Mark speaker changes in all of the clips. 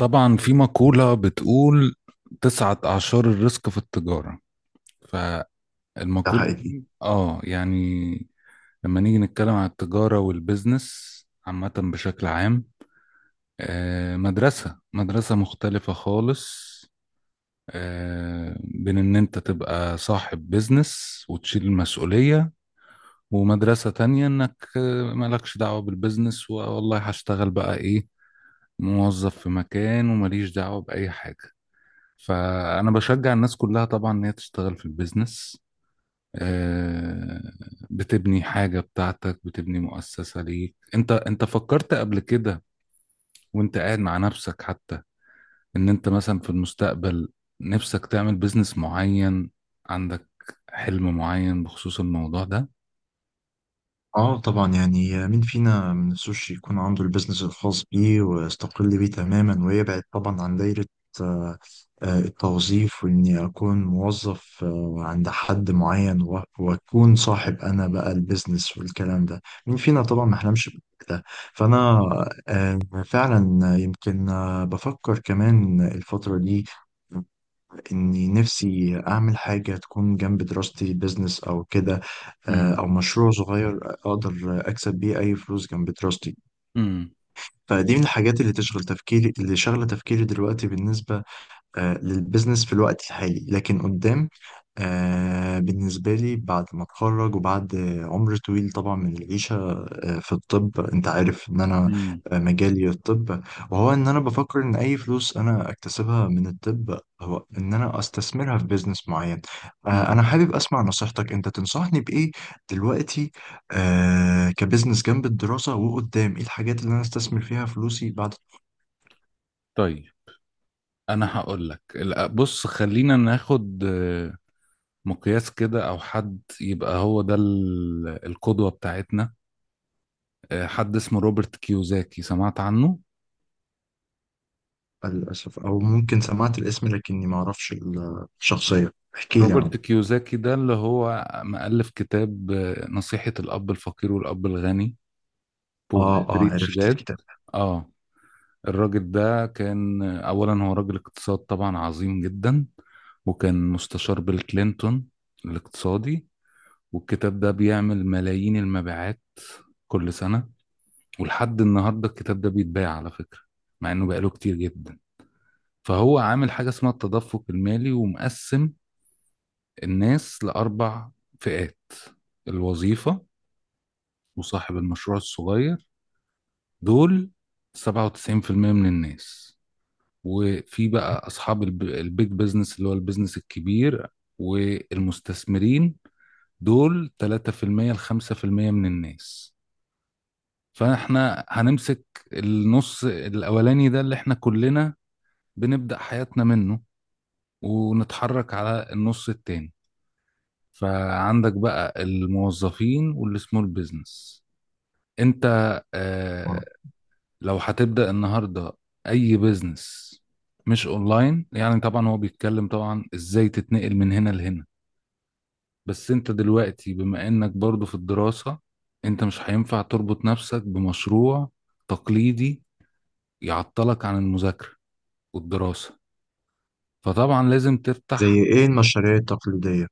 Speaker 1: طبعا في مقولة بتقول تسعة أعشار الرزق في التجارة.
Speaker 2: ده
Speaker 1: فالمقولة
Speaker 2: حقيقي.
Speaker 1: دي يعني لما نيجي نتكلم عن التجارة والبزنس عامة بشكل عام. مدرسة مدرسة مختلفة خالص، بين إن أنت تبقى صاحب بزنس وتشيل المسؤولية، ومدرسة تانية إنك مالكش دعوة بالبزنس، والله هشتغل بقى إيه، موظف في مكان ومليش دعوة بأي حاجة. فأنا بشجع الناس كلها طبعا إن هي تشتغل في البيزنس. آه، بتبني حاجة بتاعتك، بتبني مؤسسة ليك. أنت فكرت قبل كده وأنت قاعد مع نفسك حتى إن أنت مثلا في المستقبل نفسك تعمل بيزنس معين، عندك حلم معين بخصوص الموضوع ده؟
Speaker 2: اه، طبعا يعني مين فينا ما نفسوش يكون عنده البيزنس الخاص بيه ويستقل بيه تماما ويبعد طبعا عن دايرة آه، التوظيف، واني اكون موظف عند حد معين واكون صاحب انا بقى البيزنس والكلام ده. مين فينا طبعا ما حلمش بده. فانا آه، فعلا يمكن بفكر كمان الفترة دي إني نفسي أعمل حاجة تكون جنب دراستي، بيزنس أو كده،
Speaker 1: مم.
Speaker 2: أو مشروع صغير أقدر أكسب بيه أي فلوس جنب دراستي.
Speaker 1: مم.
Speaker 2: فدي من الحاجات اللي تشغل تفكيري، اللي شغلة تفكيري دلوقتي بالنسبة للبزنس في الوقت الحالي. لكن قدام، بالنسبة لي بعد ما اتخرج وبعد عمر طويل طبعا من العيشة في الطب، انت عارف ان انا
Speaker 1: مم.
Speaker 2: مجالي الطب، وهو ان انا بفكر ان اي فلوس انا اكتسبها من الطب هو ان انا استثمرها في بيزنس معين.
Speaker 1: مم.
Speaker 2: انا حابب اسمع نصيحتك. انت تنصحني بايه دلوقتي كبزنس جنب الدراسة؟ وقدام ايه الحاجات اللي انا استثمر فيها فلوسي بعد؟
Speaker 1: طيب، أنا هقول لك. لا، بص خلينا ناخد مقياس كده او حد يبقى هو ده القدوة بتاعتنا. حد اسمه روبرت كيوزاكي، سمعت عنه؟
Speaker 2: للأسف، أو ممكن سمعت الاسم لكني ما أعرفش الشخصية، احكي لي
Speaker 1: روبرت
Speaker 2: عنه.
Speaker 1: كيوزاكي ده اللي هو مؤلف كتاب نصيحة الأب الفقير والأب الغني. بور ريتش
Speaker 2: عرفت
Speaker 1: داد،
Speaker 2: الكتاب.
Speaker 1: اه الراجل ده كان أولا هو راجل اقتصاد طبعا عظيم جدا، وكان مستشار بيل كلينتون الاقتصادي. والكتاب ده بيعمل ملايين المبيعات كل سنة، ولحد النهارده الكتاب ده بيتباع على فكرة، مع انه بقاله كتير جدا. فهو عامل حاجة اسمها التدفق المالي، ومقسم الناس لأربع فئات. الوظيفة وصاحب المشروع الصغير، دول 97% من الناس. وفي بقى أصحاب البيج بيزنس اللي هو البيزنس الكبير، والمستثمرين، دول 3% ل 5% من الناس. فاحنا هنمسك النص الأولاني ده اللي احنا كلنا بنبدأ حياتنا منه، ونتحرك على النص التاني. فعندك بقى الموظفين واللي سمول بيزنس. انت
Speaker 2: آه.
Speaker 1: آه لو هتبدأ النهاردة اي بيزنس مش اونلاين، يعني طبعا هو بيتكلم طبعا ازاي تتنقل من هنا لهنا. بس انت دلوقتي بما انك برضو في الدراسة، انت مش هينفع تربط نفسك بمشروع تقليدي يعطلك عن المذاكرة والدراسة. فطبعا لازم تفتح.
Speaker 2: زي إيه المشاريع التقليدية؟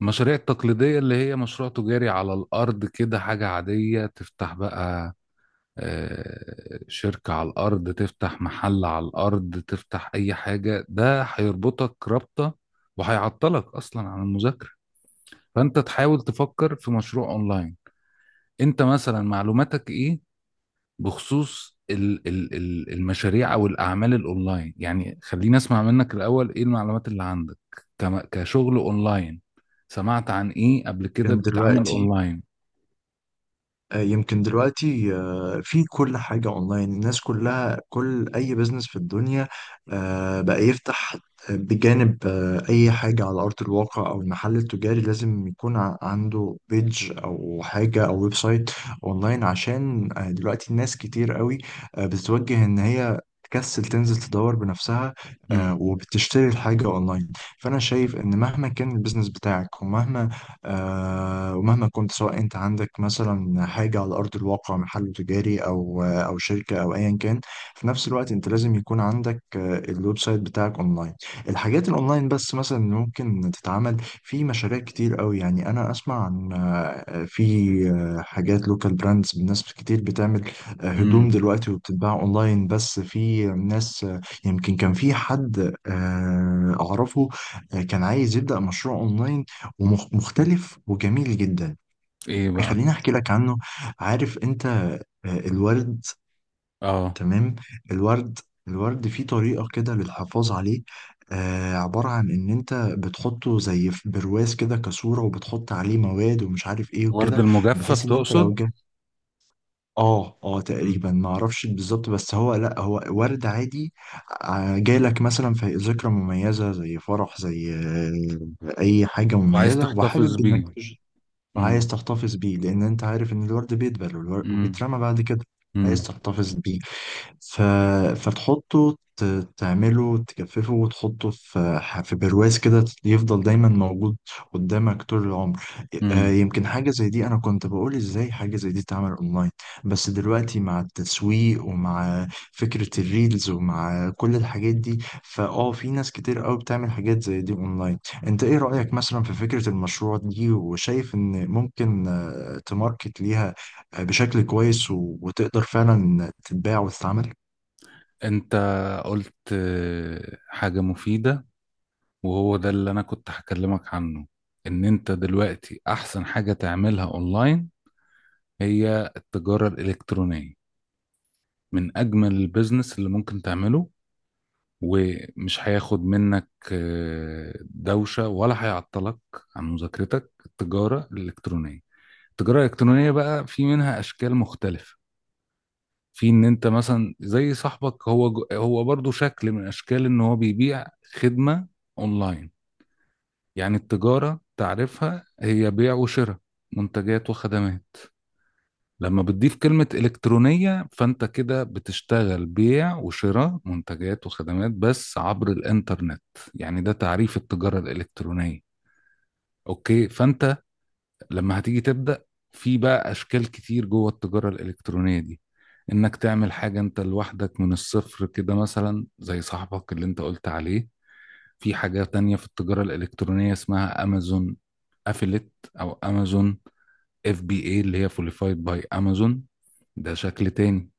Speaker 1: المشاريع التقليدية اللي هي مشروع تجاري على الأرض كده حاجة عادية، تفتح بقى شركة على الأرض، تفتح محل على الأرض، تفتح أي حاجة، ده هيربطك رابطة وهيعطلك أصلا عن المذاكرة. فأنت تحاول تفكر في مشروع أونلاين. أنت مثلا معلوماتك إيه بخصوص المشاريع او الاعمال الاونلاين؟ يعني خليني اسمع منك الاول ايه المعلومات اللي عندك كشغل اونلاين، سمعت عن ايه قبل كده
Speaker 2: كان
Speaker 1: بيتعمل
Speaker 2: دلوقتي
Speaker 1: اونلاين؟
Speaker 2: آه، يمكن دلوقتي في كل حاجة أونلاين، الناس كلها كل أي بزنس في الدنيا بقى يفتح بجانب أي حاجة على أرض الواقع أو المحل التجاري، لازم يكون عنده بيج أو حاجة أو ويب سايت أونلاين، عشان دلوقتي الناس كتير قوي بتتوجه إن هي تكسل تنزل تدور بنفسها،
Speaker 1: امم.
Speaker 2: وبتشتري الحاجة أونلاين. فأنا شايف إن مهما كان البيزنس بتاعك ومهما كنت، سواء انت عندك مثلا حاجة على أرض الواقع، محل تجاري أو شركة أو أيا كان، في نفس الوقت انت لازم يكون عندك الويب سايت بتاعك أونلاين. الحاجات الأونلاين بس مثلا اللي ممكن تتعمل، في مشاريع كتير قوي يعني. أنا أسمع عن آه، في آه، حاجات لوكال براندز، ناس كتير بتعمل هدوم
Speaker 1: امم.
Speaker 2: دلوقتي وبتتباع أونلاين. بس في ناس يمكن كان في حد أعرفه كان عايز يبدأ مشروع أونلاين ومختلف وجميل جدا.
Speaker 1: ايه بقى؟
Speaker 2: خليني احكي لك عنه. عارف انت الورد؟
Speaker 1: اه.
Speaker 2: تمام. الورد. الورد فيه طريقة كده للحفاظ عليه. آه، عبارة عن ان انت بتحطه زي في برواز كده كصورة، وبتحط عليه مواد ومش عارف ايه
Speaker 1: ورد
Speaker 2: وكده،
Speaker 1: المجفف
Speaker 2: بحيث ان انت لو
Speaker 1: تقصد؟
Speaker 2: جه، اه
Speaker 1: امم.
Speaker 2: تقريبا ما اعرفش بالظبط، بس هو لا، هو ورد عادي. جالك مثلا في ذكرى مميزة زي فرح، زي اي حاجة
Speaker 1: وعايز
Speaker 2: مميزة،
Speaker 1: تحتفظ
Speaker 2: وحابب انك
Speaker 1: بيه. امم.
Speaker 2: وعايز تحتفظ بيه. لأن أنت عارف إن الورد بيدبل
Speaker 1: امم.
Speaker 2: وبيترمى بعد كده، عايز
Speaker 1: امم.
Speaker 2: تحتفظ بيه. ف... فتحطه، تعمله تجففه وتحطه في في برواز كده يفضل دايما موجود قدامك طول العمر.
Speaker 1: امم.
Speaker 2: يمكن حاجة زي دي، أنا كنت بقول إزاي حاجة زي دي تعمل أونلاين؟ بس دلوقتي مع التسويق ومع فكرة الريلز ومع كل الحاجات دي، فأه في ناس كتير قوي بتعمل حاجات زي دي أونلاين. أنت إيه رأيك مثلا في فكرة المشروع دي؟ وشايف إن ممكن تماركت ليها بشكل كويس وتقدر فعلا تتباع وتتعمل؟
Speaker 1: انت قلت حاجة مفيدة، وهو ده اللي انا كنت هكلمك عنه. ان انت دلوقتي احسن حاجة تعملها اونلاين هي التجارة الإلكترونية. من أجمل البيزنس اللي ممكن تعمله، ومش هياخد منك دوشة ولا هيعطلك عن مذاكرتك. التجارة الإلكترونية، التجارة الإلكترونية بقى في منها أشكال مختلفة. في إن أنت مثلا زي صاحبك، هو هو برضو شكل من أشكال إن هو بيبيع خدمة أونلاين. يعني التجارة تعرفها هي بيع وشراء منتجات وخدمات. لما بتضيف كلمة إلكترونية فأنت كده بتشتغل بيع وشراء منتجات وخدمات بس عبر الإنترنت. يعني ده تعريف التجارة الإلكترونية. أوكي. فأنت لما هتيجي تبدأ في بقى أشكال كتير جوه التجارة الإلكترونية دي، إنك تعمل حاجة أنت لوحدك من الصفر كده مثلا زي صاحبك اللي أنت قلت عليه. في حاجة تانية في التجارة الإلكترونية اسمها أمازون أفلت، أو أمازون اف بي اي اللي هي فوليفايد باي أمازون. ده شكل تاني.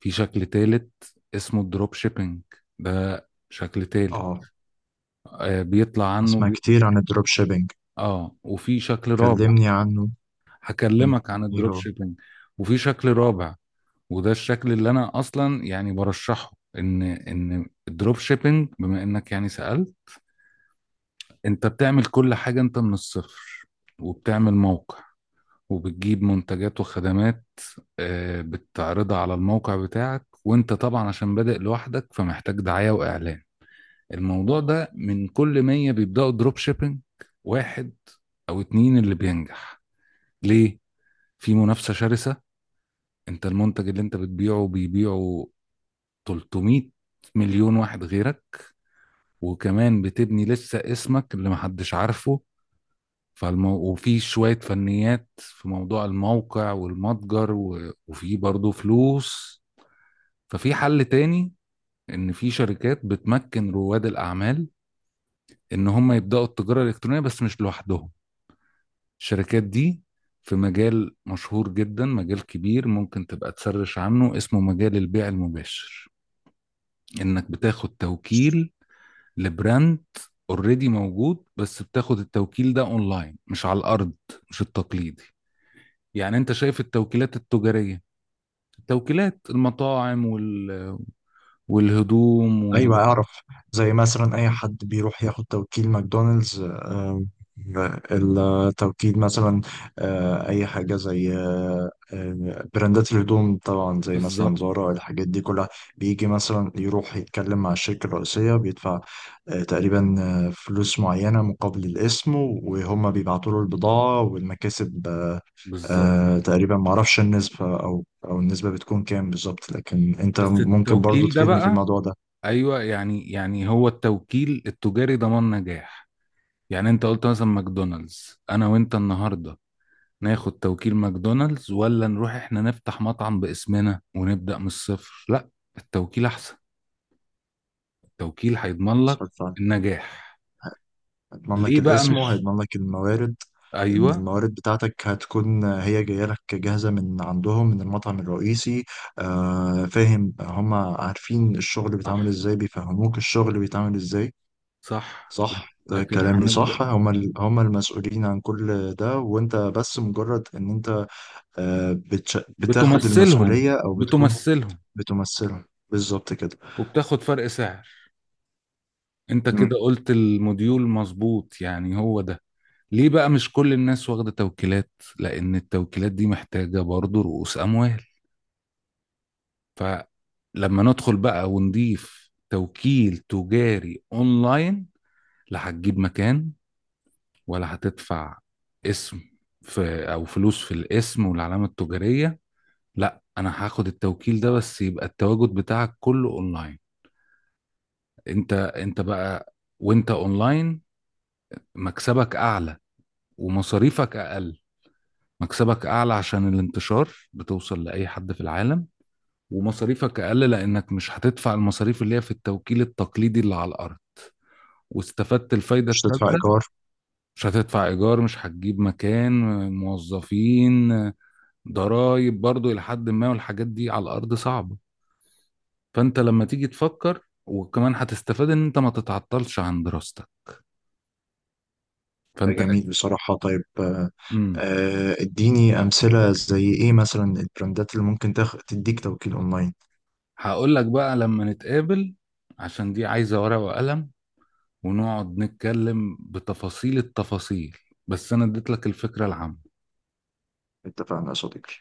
Speaker 1: في شكل تالت اسمه الدروب شيبينج، ده شكل تالت
Speaker 2: اه.
Speaker 1: بيطلع عنه
Speaker 2: اسمع كتير عن الدروب شيبينج،
Speaker 1: اه. وفي شكل رابع.
Speaker 2: كلمني عنه. مم.
Speaker 1: هكلمك عن
Speaker 2: ايه
Speaker 1: الدروب
Speaker 2: هو؟
Speaker 1: شيبينج. وفي شكل رابع، وده الشكل اللي انا اصلا يعني برشحه. ان الدروب شيبينج بما انك يعني سألت، انت بتعمل كل حاجة انت من الصفر، وبتعمل موقع، وبتجيب منتجات وخدمات بتعرضها على الموقع بتاعك. وانت طبعا عشان بادئ لوحدك فمحتاج دعاية واعلان. الموضوع ده من كل 100 بيبداوا دروب شيبينج واحد او اتنين اللي بينجح. ليه؟ في منافسه شرسه. انت المنتج اللي انت بتبيعه بيبيعه 300 مليون واحد غيرك، وكمان بتبني لسه اسمك اللي محدش عارفه. وفي شوية فنيات في موضوع الموقع والمتجر وفي برضه فلوس. ففي حل تاني، ان في شركات بتمكن رواد الاعمال ان هم يبداوا التجارة الالكترونية بس مش لوحدهم. الشركات دي في مجال مشهور جدا، مجال كبير ممكن تبقى تسرش عنه اسمه مجال البيع المباشر. انك بتاخد توكيل لبراند اوريدي موجود، بس بتاخد التوكيل ده اونلاين مش على الارض، مش التقليدي. يعني انت شايف التوكيلات التجارية، التوكيلات المطاعم والهدوم
Speaker 2: ايوه اعرف. زي مثلا اي حد بيروح ياخد توكيل ماكدونالدز، التوكيل مثلا، اي حاجه زي براندات الهدوم طبعا، زي مثلا
Speaker 1: بالظبط.
Speaker 2: زارا، الحاجات دي كلها بيجي مثلا يروح يتكلم مع الشركه الرئيسيه، بيدفع تقريبا فلوس معينه مقابل الاسم، وهم بيبعتوا له البضاعه والمكاسب.
Speaker 1: بالظبط.
Speaker 2: تقريبا معرفش النسبه او النسبه بتكون كام بالظبط، لكن انت
Speaker 1: بس
Speaker 2: ممكن برضو
Speaker 1: التوكيل ده
Speaker 2: تفيدني في
Speaker 1: بقى،
Speaker 2: الموضوع ده.
Speaker 1: ايوه يعني هو التوكيل التجاري ضمان نجاح. يعني انت قلت مثلا ماكدونالدز، انا وانت النهارده ناخد توكيل ماكدونالدز ولا نروح احنا نفتح مطعم باسمنا ونبدأ من الصفر؟ لا، التوكيل احسن. التوكيل هيضمن لك
Speaker 2: اتفرجت عليه.
Speaker 1: النجاح.
Speaker 2: هيضمن لك
Speaker 1: ليه بقى
Speaker 2: الاسم
Speaker 1: مش،
Speaker 2: وهيضمن لك الموارد، ان
Speaker 1: ايوه.
Speaker 2: الموارد بتاعتك هتكون هي جايه لك جاهزه من عندهم من المطعم الرئيسي. آه فاهم. هم عارفين الشغل
Speaker 1: صح.
Speaker 2: بيتعمل ازاي، بيفهموك الشغل بيتعمل ازاي.
Speaker 1: صح.
Speaker 2: صح. ده
Speaker 1: لكن
Speaker 2: كلامي صح،
Speaker 1: هنبدأ.
Speaker 2: هم المسؤولين عن كل ده، وانت بس مجرد ان انت بتاخد
Speaker 1: بتمثلهم.
Speaker 2: المسؤوليه او بتكون،
Speaker 1: بتمثلهم.
Speaker 2: بتمثلهم. بالظبط كده.
Speaker 1: وبتاخد فرق سعر. انت
Speaker 2: مم.
Speaker 1: كده قلت الموديول مظبوط، يعني هو ده. ليه بقى مش كل الناس واخدة توكيلات؟ لان التوكيلات دي محتاجة برضه رؤوس اموال. فلما ندخل بقى ونضيف توكيل تجاري اونلاين، لا هتجيب مكان ولا هتدفع اسم، في او فلوس في الاسم والعلامة التجارية. لا، انا هاخد التوكيل ده بس يبقى التواجد بتاعك كله اونلاين. انت بقى، وانت اونلاين، مكسبك اعلى ومصاريفك اقل. مكسبك اعلى عشان الانتشار بتوصل لاي حد في العالم، ومصاريفك اقل لانك مش هتدفع المصاريف اللي هي في التوكيل التقليدي اللي على الارض. واستفدت الفايدة
Speaker 2: مش تدفع
Speaker 1: الثالثة،
Speaker 2: ايجار.
Speaker 1: مش هتدفع إيجار، مش هتجيب مكان، موظفين، ضرايب برضو إلى حد ما، والحاجات دي على الأرض صعبة. فأنت لما تيجي تفكر وكمان هتستفاد إن أنت ما تتعطلش عن دراستك. فأنت.
Speaker 2: جميل بصراحة. طيب،
Speaker 1: امم.
Speaker 2: اديني أمثلة زي إيه مثلا البراندات اللي ممكن تديك توكيل أونلاين.
Speaker 1: هقول لك بقى لما نتقابل عشان دي عايزة ورقة وقلم، ونقعد نتكلم بتفاصيل التفاصيل، بس أنا اديت لك الفكرة العامة.
Speaker 2: اتفقنا يا صديقي.